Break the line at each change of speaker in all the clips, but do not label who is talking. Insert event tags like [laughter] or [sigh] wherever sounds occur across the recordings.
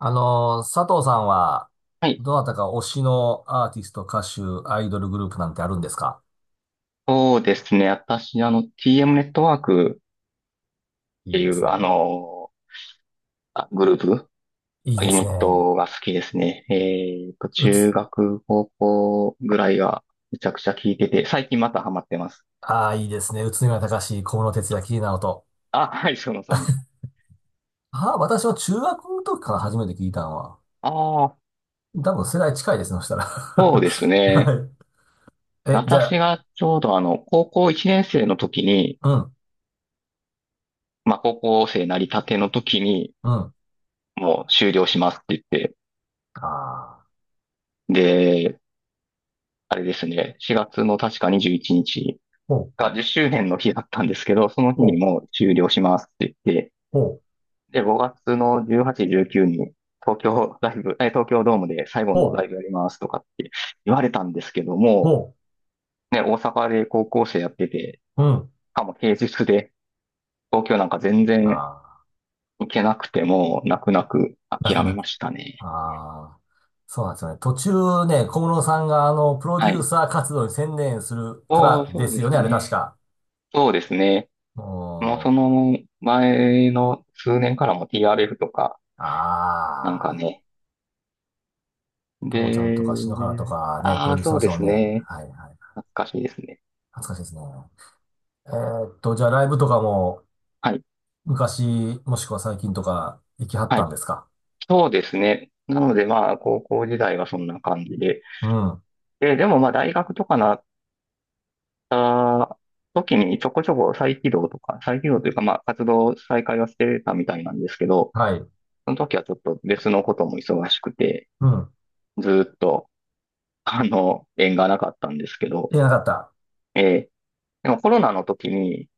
佐藤さんは、
はい。
どなたか推しのアーティスト、歌手、アイドルグループなんてあるんですか？
そうですね。私、TM ネットワークっ
い
て
い
い
です
う、
ね。
グループ、
いいで
ユ
す
ニ
ね。
ットが好きですね。
う
中
つ、
学、高校ぐらいがめちゃくちゃ聞いてて、最近またハマってます。
ああ、いいですね。宇都宮隆、小室哲哉、桐ナオと。
あ、はい、そのさん。
ああ、私は中学の時から初めて聞いたのは。
ああ、
多分世代近いですね、そしたら。
そうです
[laughs] は
ね。
い。え、じゃ
私
あ、
がちょうど高校1年生の時に、
うん、
まあ、高校生なりたての時に、
うん。
もう終了しますって言って、
ああ、
で、あれですね、4月の確か21日
ほう、
が10周年の日だったんですけど、その日に
ほう、
もう終了しますって言って、
ほう、
で、5月の18、19に東京ライブ、東京ドームで最後の
ほ
ライブ
う、
やりますとかって言われたんですけど
ほ
も、ね、大阪で高校生やってて、
う、うん。
しかも平日で東京なんか全
あ
然
あ、
行けなくても、泣く泣く
泣く
諦め
泣
ましたね。
ああ、そうなんですよね。途中ね、小室さんがプロデ
は
ュー
い。
サー活動に専念するか
そう、
らで
そう
す
で
よね、
す
あれ確
ね。
か。
そうですね。もうそ
も
の前の数年からも TRF とか、
う、
なんか
ああ、
ね、
ともちゃんと
で、
か篠原とかね、プ
あ
ロ
あ、
デュースして
そ
ま
う
した
で
もん
す
ね。
ね。
はいはい。
懐かしいですね。
懐かしいですね。じゃあライブとかも
はい。
昔、もしくは最近とか行きはっ
は
たん
い。
ですか？
そうですね。なので、まあ、高校時代はそんな感じで。
うん。
でも、まあ、大学とかなった時にちょこちょこ再起動とか、再起動というか、まあ、活動再開はしてたみたいなんですけど、
はい。
その時はちょっと別のことも忙しくて、
うん。
ずーっと、縁がなかったんですけど、
いなかった。
えーでもコロナの時に、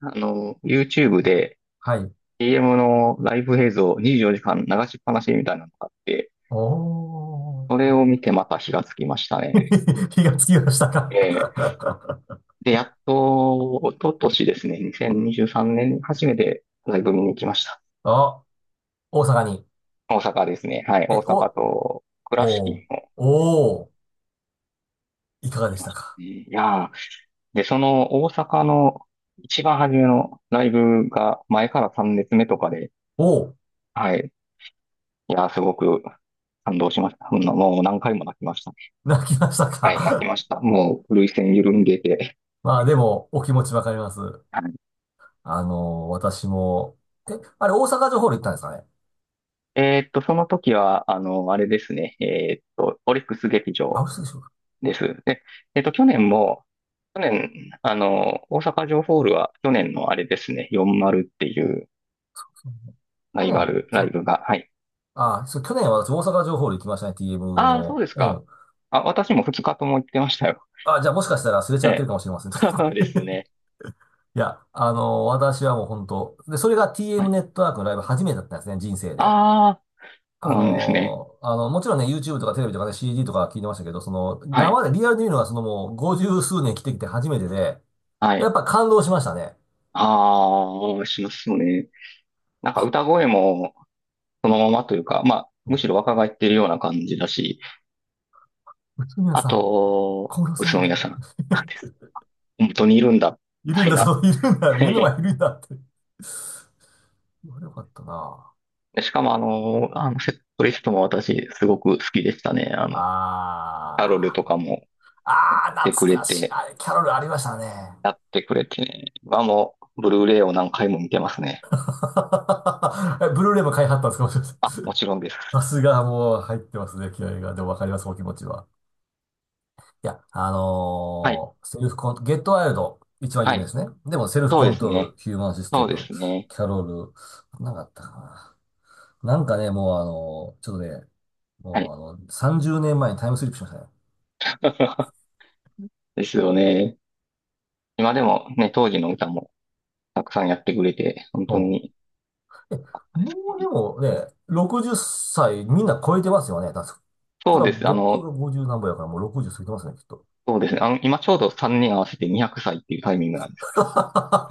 YouTube で、
はい。
CM のライブ映像24時間流しっぱなしみたいなのがあって、
お
そ
ー。
れを見てまた火がつきましたね。
[laughs] 気がつきました
ええ
か？
で、やっと、一昨年ですね、2023年にじゅうさんねんに初めてライブ見に行きました。
あ [laughs]、大阪に。
大阪ですね。はい。大
え、
阪
お、
と倉敷
おー、
にも
おー、いかがで
来
し
ま
た
した
か？
ね。いやー、で、その大阪の一番初めのライブが前から3列目とかで、
おー、
はい。いやー、すごく感動しました。うんもう何回も泣きましたね。
泣きました
はい、泣き
か？
ました。もう、涙腺緩んでて、
[laughs] まあでも、お気持ちわかります。
はい。
あのー私も、え、あれ大阪城ホール行ったんですかね？
その時は、あれですね。オリックス劇
あ、
場
嘘でしょうか？
です。で、えーっと、去年も、去年、大阪城ホールは、去年のあれですね、4丸っていう
去年、
ラ
そ
イ
う、
ブが、はい。
あ、そう、去年は私大阪城ホール行きましたね、TM
ああ、そう
の。
です
う
か。
ん。
あ、私も2日とも行ってましたよ。
あ、じゃあもしかしたらすれ
え
違ってる
え、
かもしれません。
[laughs] そうで
[laughs]
すね。
いや、あのー私はもう本当で、それが
は
TM
い。
ネットワークのライブ初めてだったんですね、人生で。
ああ、そ
あ
うなんですね。
の、もちろんね、YouTube とかテレビとかね、CD とか聞いてましたけど、その、
はい。
生でリアルで見るのはそのもう50数年来てきて初めてで、
は
やっ
い。
ぱ感動しましたね。
ああ、しますね。なんか歌
あ、
声も、そのままというか、まあ、むしろ若返ってるような感じだし、
内村
あ
さん、
と、
小室
宇
さん
都
みたい
宮
な
さ
ね。
んなんで
[laughs]
す。本当にいるんだ、み
いるん
たい
だ、
な。
そう、いるんだ、目の
[laughs]
前いるんだって。よかったな。
しかもあのセットリストも私すごく好きでしたね。カロル
あ
と
ー、
かもやっ
あー、
てく
懐
れ
かしい。
て、
あれ、キャロルありましたね。
やってくれてね。今もブルーレイを何回も見てますね。
[laughs] ブルーレイも買いはったんですかもしかして？
あ、も
[laughs]
ちろんです。
さすがもう入ってますね、気合が。でもわかります、お気持ちは。いや、あ
はい。
のーセルフコン、ゲットワイルド、一番
は
有名で
い。
すね。でも、セルフ
そう
コ
で
ン
す
トロール、
ね。
ヒューマンシステ
そうで
ム、
すね。
キャロル、なんかあったかな。なんかね、もうあのーちょっとね、
は
も
い。
うあの、30年前にタイムスリップしましたね。
[laughs] ですよね。今でもね、当時の歌もたくさんやってくれて、本当
そ
に
う。え、
良かったで
も
す
うで
ね。
もね、60歳みんな超えてますよね、確か。そ
そう
れは
です。
僕が50何歩やからもう60過ぎてますね、きっと。
そうですね。今ちょうど3年合わせて200歳っていうタイミングなんです。
[laughs]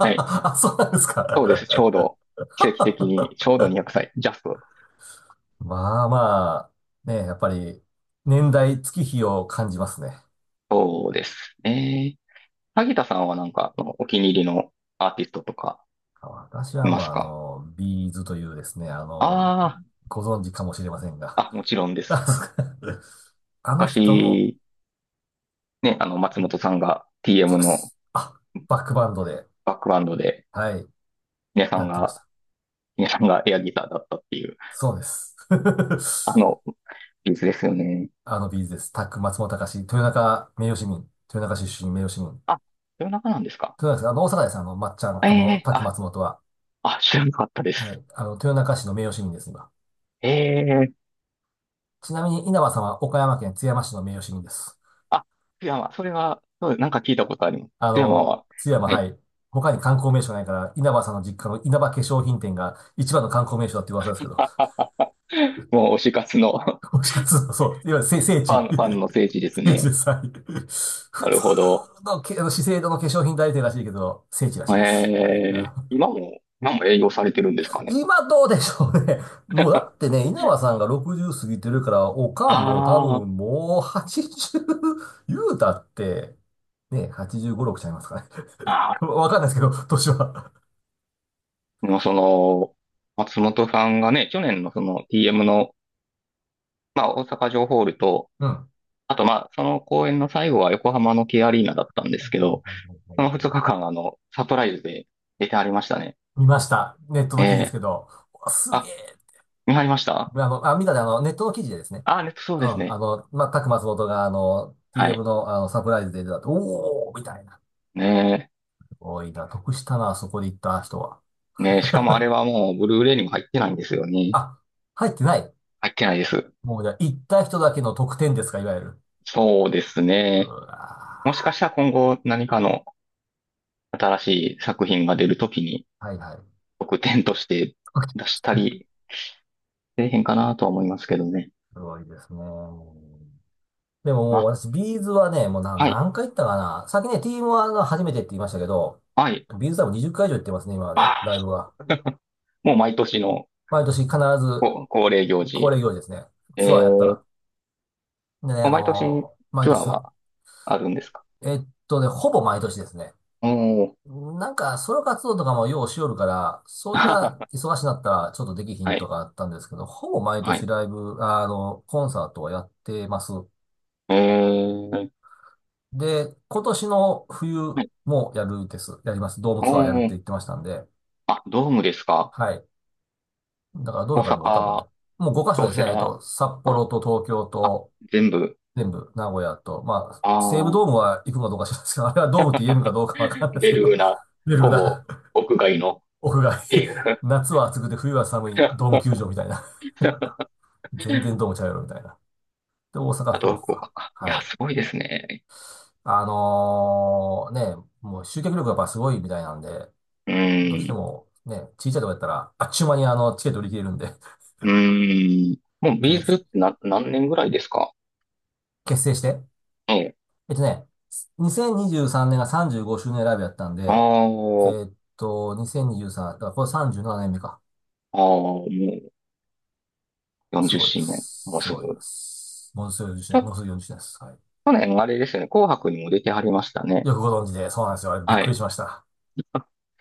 はい。
そうなんですか。
そうです。ちょう
[laughs]
ど、奇跡的に、ちょうど200歳。ジャスト。
まあまね、やっぱり、年代、月日を感じますね。
そうですね。萩田さんはなんか、そのお気に入りのアーティストとか
私
い
は
ま
もう
す
あ
か？
の、ビーズというですね、あの、
あ
ご存知かもしれませんが。
あー、あ、もちろんです。
[laughs] あの人も、
昔、ね、松本さんが
そう
TM
で
の
す。あ、バックバンドで、
バックバンドで、
はい、
皆さ
や
ん
ってまし
が、
た。
皆さんがエアギターだったっていう、
そうです。
あ
[laughs]
の、ピースですよね。
あのビーズです。タック、松本隆、豊中名誉市民、豊中出身名誉市民。豊
あ、夜中なんですか？
中です。あの、大阪です。あの、抹茶
え
の、あの、
え
タッ
ー。
ク
あ、
松本は。
あ、知らなかったで
は
す。
い。あの、豊中市の名誉市民です、今。
ええ。
ちなみに稲葉さんは岡山県津山市の名誉市民です。
あ、津山、それは、そうなんか聞いたことあります。
あ
津山
の、
は、
津山、
は
は
い。
い。他に観光名所ないから、稲葉さんの実家の稲葉化粧品店が一番の観光名所だって噂ですけど、
[laughs] もう推し活の [laughs]
もしかすると、そう、いわゆる聖地、
ファンの聖地です
[laughs] 聖地で
ね。
す。はい。普
な
通
るほど。
のけ、あの資生堂の化粧品代理店らしいけど、聖地らしいです。はい。あ
今も営業されてるんですかね。
今どうでしょうね。もうだっ
[laughs]
てね、稲葉さんが60過ぎてるから、おか
あ
んも多
ー。
分もう80、言うたって、ね、85、6ちゃいますかね。[laughs]
あ
わかんないですけど、年は。
ー、もうその、松本さんがね、去年のその TM の、まあ大阪城ホールと、
うん。
あとまあその公演の最後は横浜の K アリーナだったんで
は
す
い
け
はい
ど、
はいはいはい
その
はい。
2日間サプライズで出てありましたね。
見ました。ネット
え
の記事です
え
けど。うわすげ
あ、
え。
見張りました
あの、あ、見たね、あの、ネットの記事でですね。
ああ、ネットそう
う
です
ん。あ
ね。
の、まあ、タク松本が、あの、
は
TM
い。
の、あの、サプライズで出たと、おーみたいな。
ね
すごいな。得したな、そこで行った人は。
え。ねえ。しかもあれ
[laughs]
はもう、ブルーレイにも入ってないんですよね。
あ、入ってない。
入ってないです。
もうじゃあ、行った人だけの得点ですか、いわゆる。
そうです
う
ね。もし
わ
かしたら今後何かの新しい作品が出るときに、
ーはいはい。
特典として出した
[laughs]
り、せえへんかなとは思いますけどね。
すごいですね。でももう
あ、
私、ビーズはね、もうな
はい。
何回行ったかな。さっきね、ティームは初めてって言いましたけど、
はい。
ビーズ多分20回以上行ってますね、今まで、
ああ、
ライブは。
もう毎年の
毎年必ず
恒例行
恒例
事。
行事ですね。
え
ツアーやった
ー、
ら。でね、あ
毎
の
年
ー毎
ツア
年
ー
さ、
はあるんですか？
ほぼ毎年ですね。
おー。
なんか、ソロ活動とかもようしよるから、そ
[laughs]
れが
は
忙しなったらちょっとできひんと
い。
かあったんですけど、ほぼ毎
は
年
い。
ライブ、あの、コンサートはやってます。
えー、
で、今年の
は
冬
い。
もやるです。やります。ドーム
お
ツアーやるって
ー。
言ってましたんで、
あ、ドームですか？
はい。だからどう
大
だからもう多分ね、
阪、
もう5カ所
京
です
セ
ね。
ラ、
札
あ、
幌と東京
あ、
と、
全部、
全部、名古屋と、まあ、西武
ああ、
ドームは行くのかどうか知らないですけど、あれはドームって言えるのかどうかわかんないです
ベ
け
ル
ど、
ーナ、
出る
ほぼ、
な、
屋外の、[laughs]
[laughs] 屋外。
って
[laughs]
いう。
夏は暑くて冬は寒い、ドーム球場
[laughs]
みたいな。全然ドームちゃうよみたいな。で、大阪、
あ
福
と、
岡
福
か。
岡か。い
は
や、
い。
すごいですね。
あのーね、もう集客力がやっぱすごいみたいなんで、
う
どうして
ーん、
もね、小さいとこやったら、あっちゅう間にあの、チケット売り切れるんで、[laughs]
うーん。もう、
ちょ
ビ
っ
ーズっ
と
てな、何年ぐらいですか？
結成して、
ええ。
えっとね、2023年が35周年ライブやったん
あ
で、
あ、
2023、だからこれ37年目か。
ああ、もう
す
40
ごいで
周年。も
す。
う
す
す
ごいで
ぐ。
す。もうす40周
ち
年、も
ょ、
うすぐ40年です。は
去年、あれですよね。紅白にも出てはりました
い。
ね。
よくご存知で、そうなんですよ。あれびっ
は
くり
い。
しました。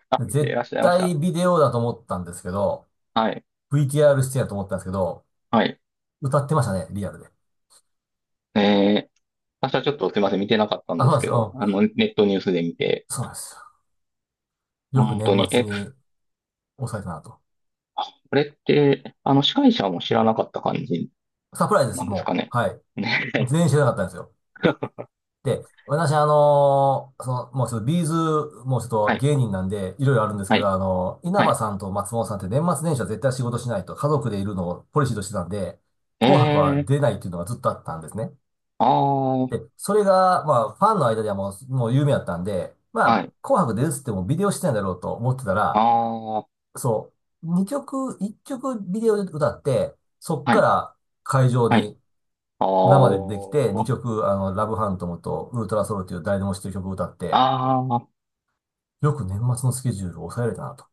あ、見てい
絶
らっしゃいまし
対
た
ビデオだと思ったんですけど、
はい。
VTR 出演だと思ったんですけど、
はい。
歌ってましたね、リアルで。
えー私はちょっとすいません、見てなかったん
あ、そう
で
な
す
んで
け
す
ど、
よ。うん
ネットニュースで見て、
そうなんですよく
本
年
当に、
末
こ
に抑えたなと。
れって、司会者も知らなかった感じ
サプライズで
な
す、
んです
も
かね。
う。はい。
ね。
全員知らなかったんですよ。
[laughs]
で、私、あのーその、もうちょっと
はい、
芸人なんで、いろいろあるんですけ
は
ど、
い、
あのー稲
は
葉
い。
さんと松本さんって年末年始は絶対仕事しないと、家族でいるのをポリシーとしてたんで、
え
紅白は
ー、
出ないっていうのがずっとあったんですね。
あー、
で、それが、まあ、ファンの間ではもう、有名だったんで、ま
は
あ、
い、
紅白出るっつってもビデオしてないだろうと思ってた
あ
ら、
ー、
そう、2曲、1曲ビデオで歌って、そっ
は
か
い、
ら会場
はい、
に
あ
生でできて、2
ー、
曲、あの、ラブハントムとウルトラソウルという誰でも知ってる曲を歌って、
あー、
よく年末のスケジュールを抑えれたなと。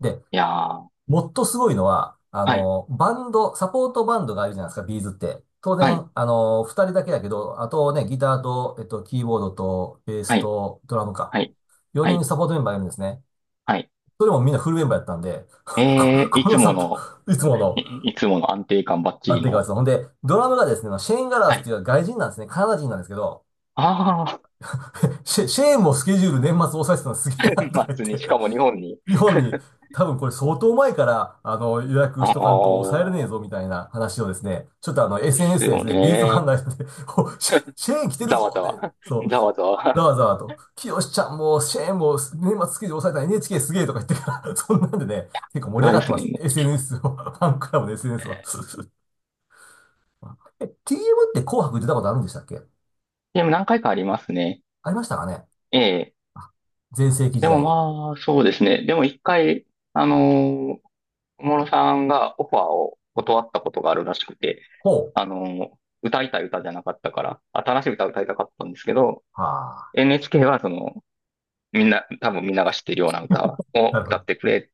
で、
いやー、
もっとすごいのは、あ
はい、
の、バンド、サポートバンドがあるじゃないですか、ビーズって。当
はい、
然、あの、二人だけだけど、あとね、ギターと、キーボードと、ベー
は
ス
い、
と、ドラムか。
はい、は
4人
い、
サポートメンバーがいるんですね。
はい。
それもみんなフルメンバーやったんで、[laughs]
い
この
つも
サ
の、
ポ、いつも
[laughs] い
の
いつもの安定感バッチ
安
リ
定感で
の、
す。ほんで、ドラムがですね、シェーン・ガラ
は
スって
い、
いう外人なんですね。カナダ人なんですけど、
あ
シェーンもスケジュール年末押さえてたのす
ー、
げえな
[laughs]
とか
ま
言っ
すね。
て、
しかも日本に、
日本に多分これ相当前からあの予約
あ
しとかんと抑えれねえ
ー、
ぞみたいな話をですね、ちょっとあの
です
SNS でで
よ
すね、ビーズファ
ね。
ンがしておシェ、シェーン来てる
ざわ
ぞっ
ざ
て、
わ。[laughs]
そう、
ざわざ
ざ
わ。
わざわと、清よちゃんもシェーンも年末スケジュール抑えたら NHK すげえとか言ってから、そんなんでね、結構盛り
さ
上
い
が
で
って
す
ま
ね、
した。
NHK。
SNS を、ファンクラブの SNS は。え TM って紅白出たことあるんでしたっけ？
でも何回かありますね。
ありましたかね？
ええ。
全盛期時
でも
代に。
まあ、そうですね。でも一回、あのー小室さんがオファーを断ったことがあるらしくて、
ほ
あ
う。
のー歌いたい歌じゃなかったから、新しい歌を歌いたかったんですけど、
はあ。
NHK はその、みんな、多分みんなが知ってるような歌
な
を
るほ
歌って
ど。
くれ。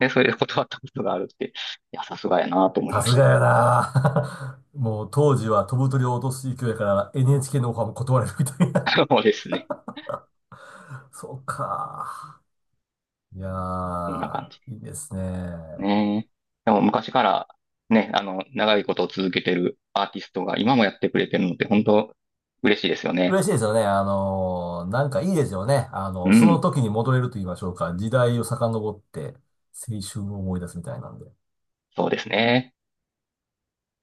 で、それで断ったことがあるって、いや、さすがやなと思い
さ
ま
す
し
がやな [laughs] もう当時は飛ぶ鳥を落とす勢いやから NHK のオファーも断れるみたい
た。
な。
[laughs] そうですね。
[laughs] そうか。いや
こんな
ー、
感じ。
いいですね。
ねえ。でも昔からね、長いことを続けてるアーティストが今もやってくれてるのって本当嬉しいですよね。
嬉しいですよね。あのーなんかいいですよね。あの、
う
その
ん。
時に戻れると言いましょうか。時代を遡って青春を思い出すみたいなんで。
そうですね。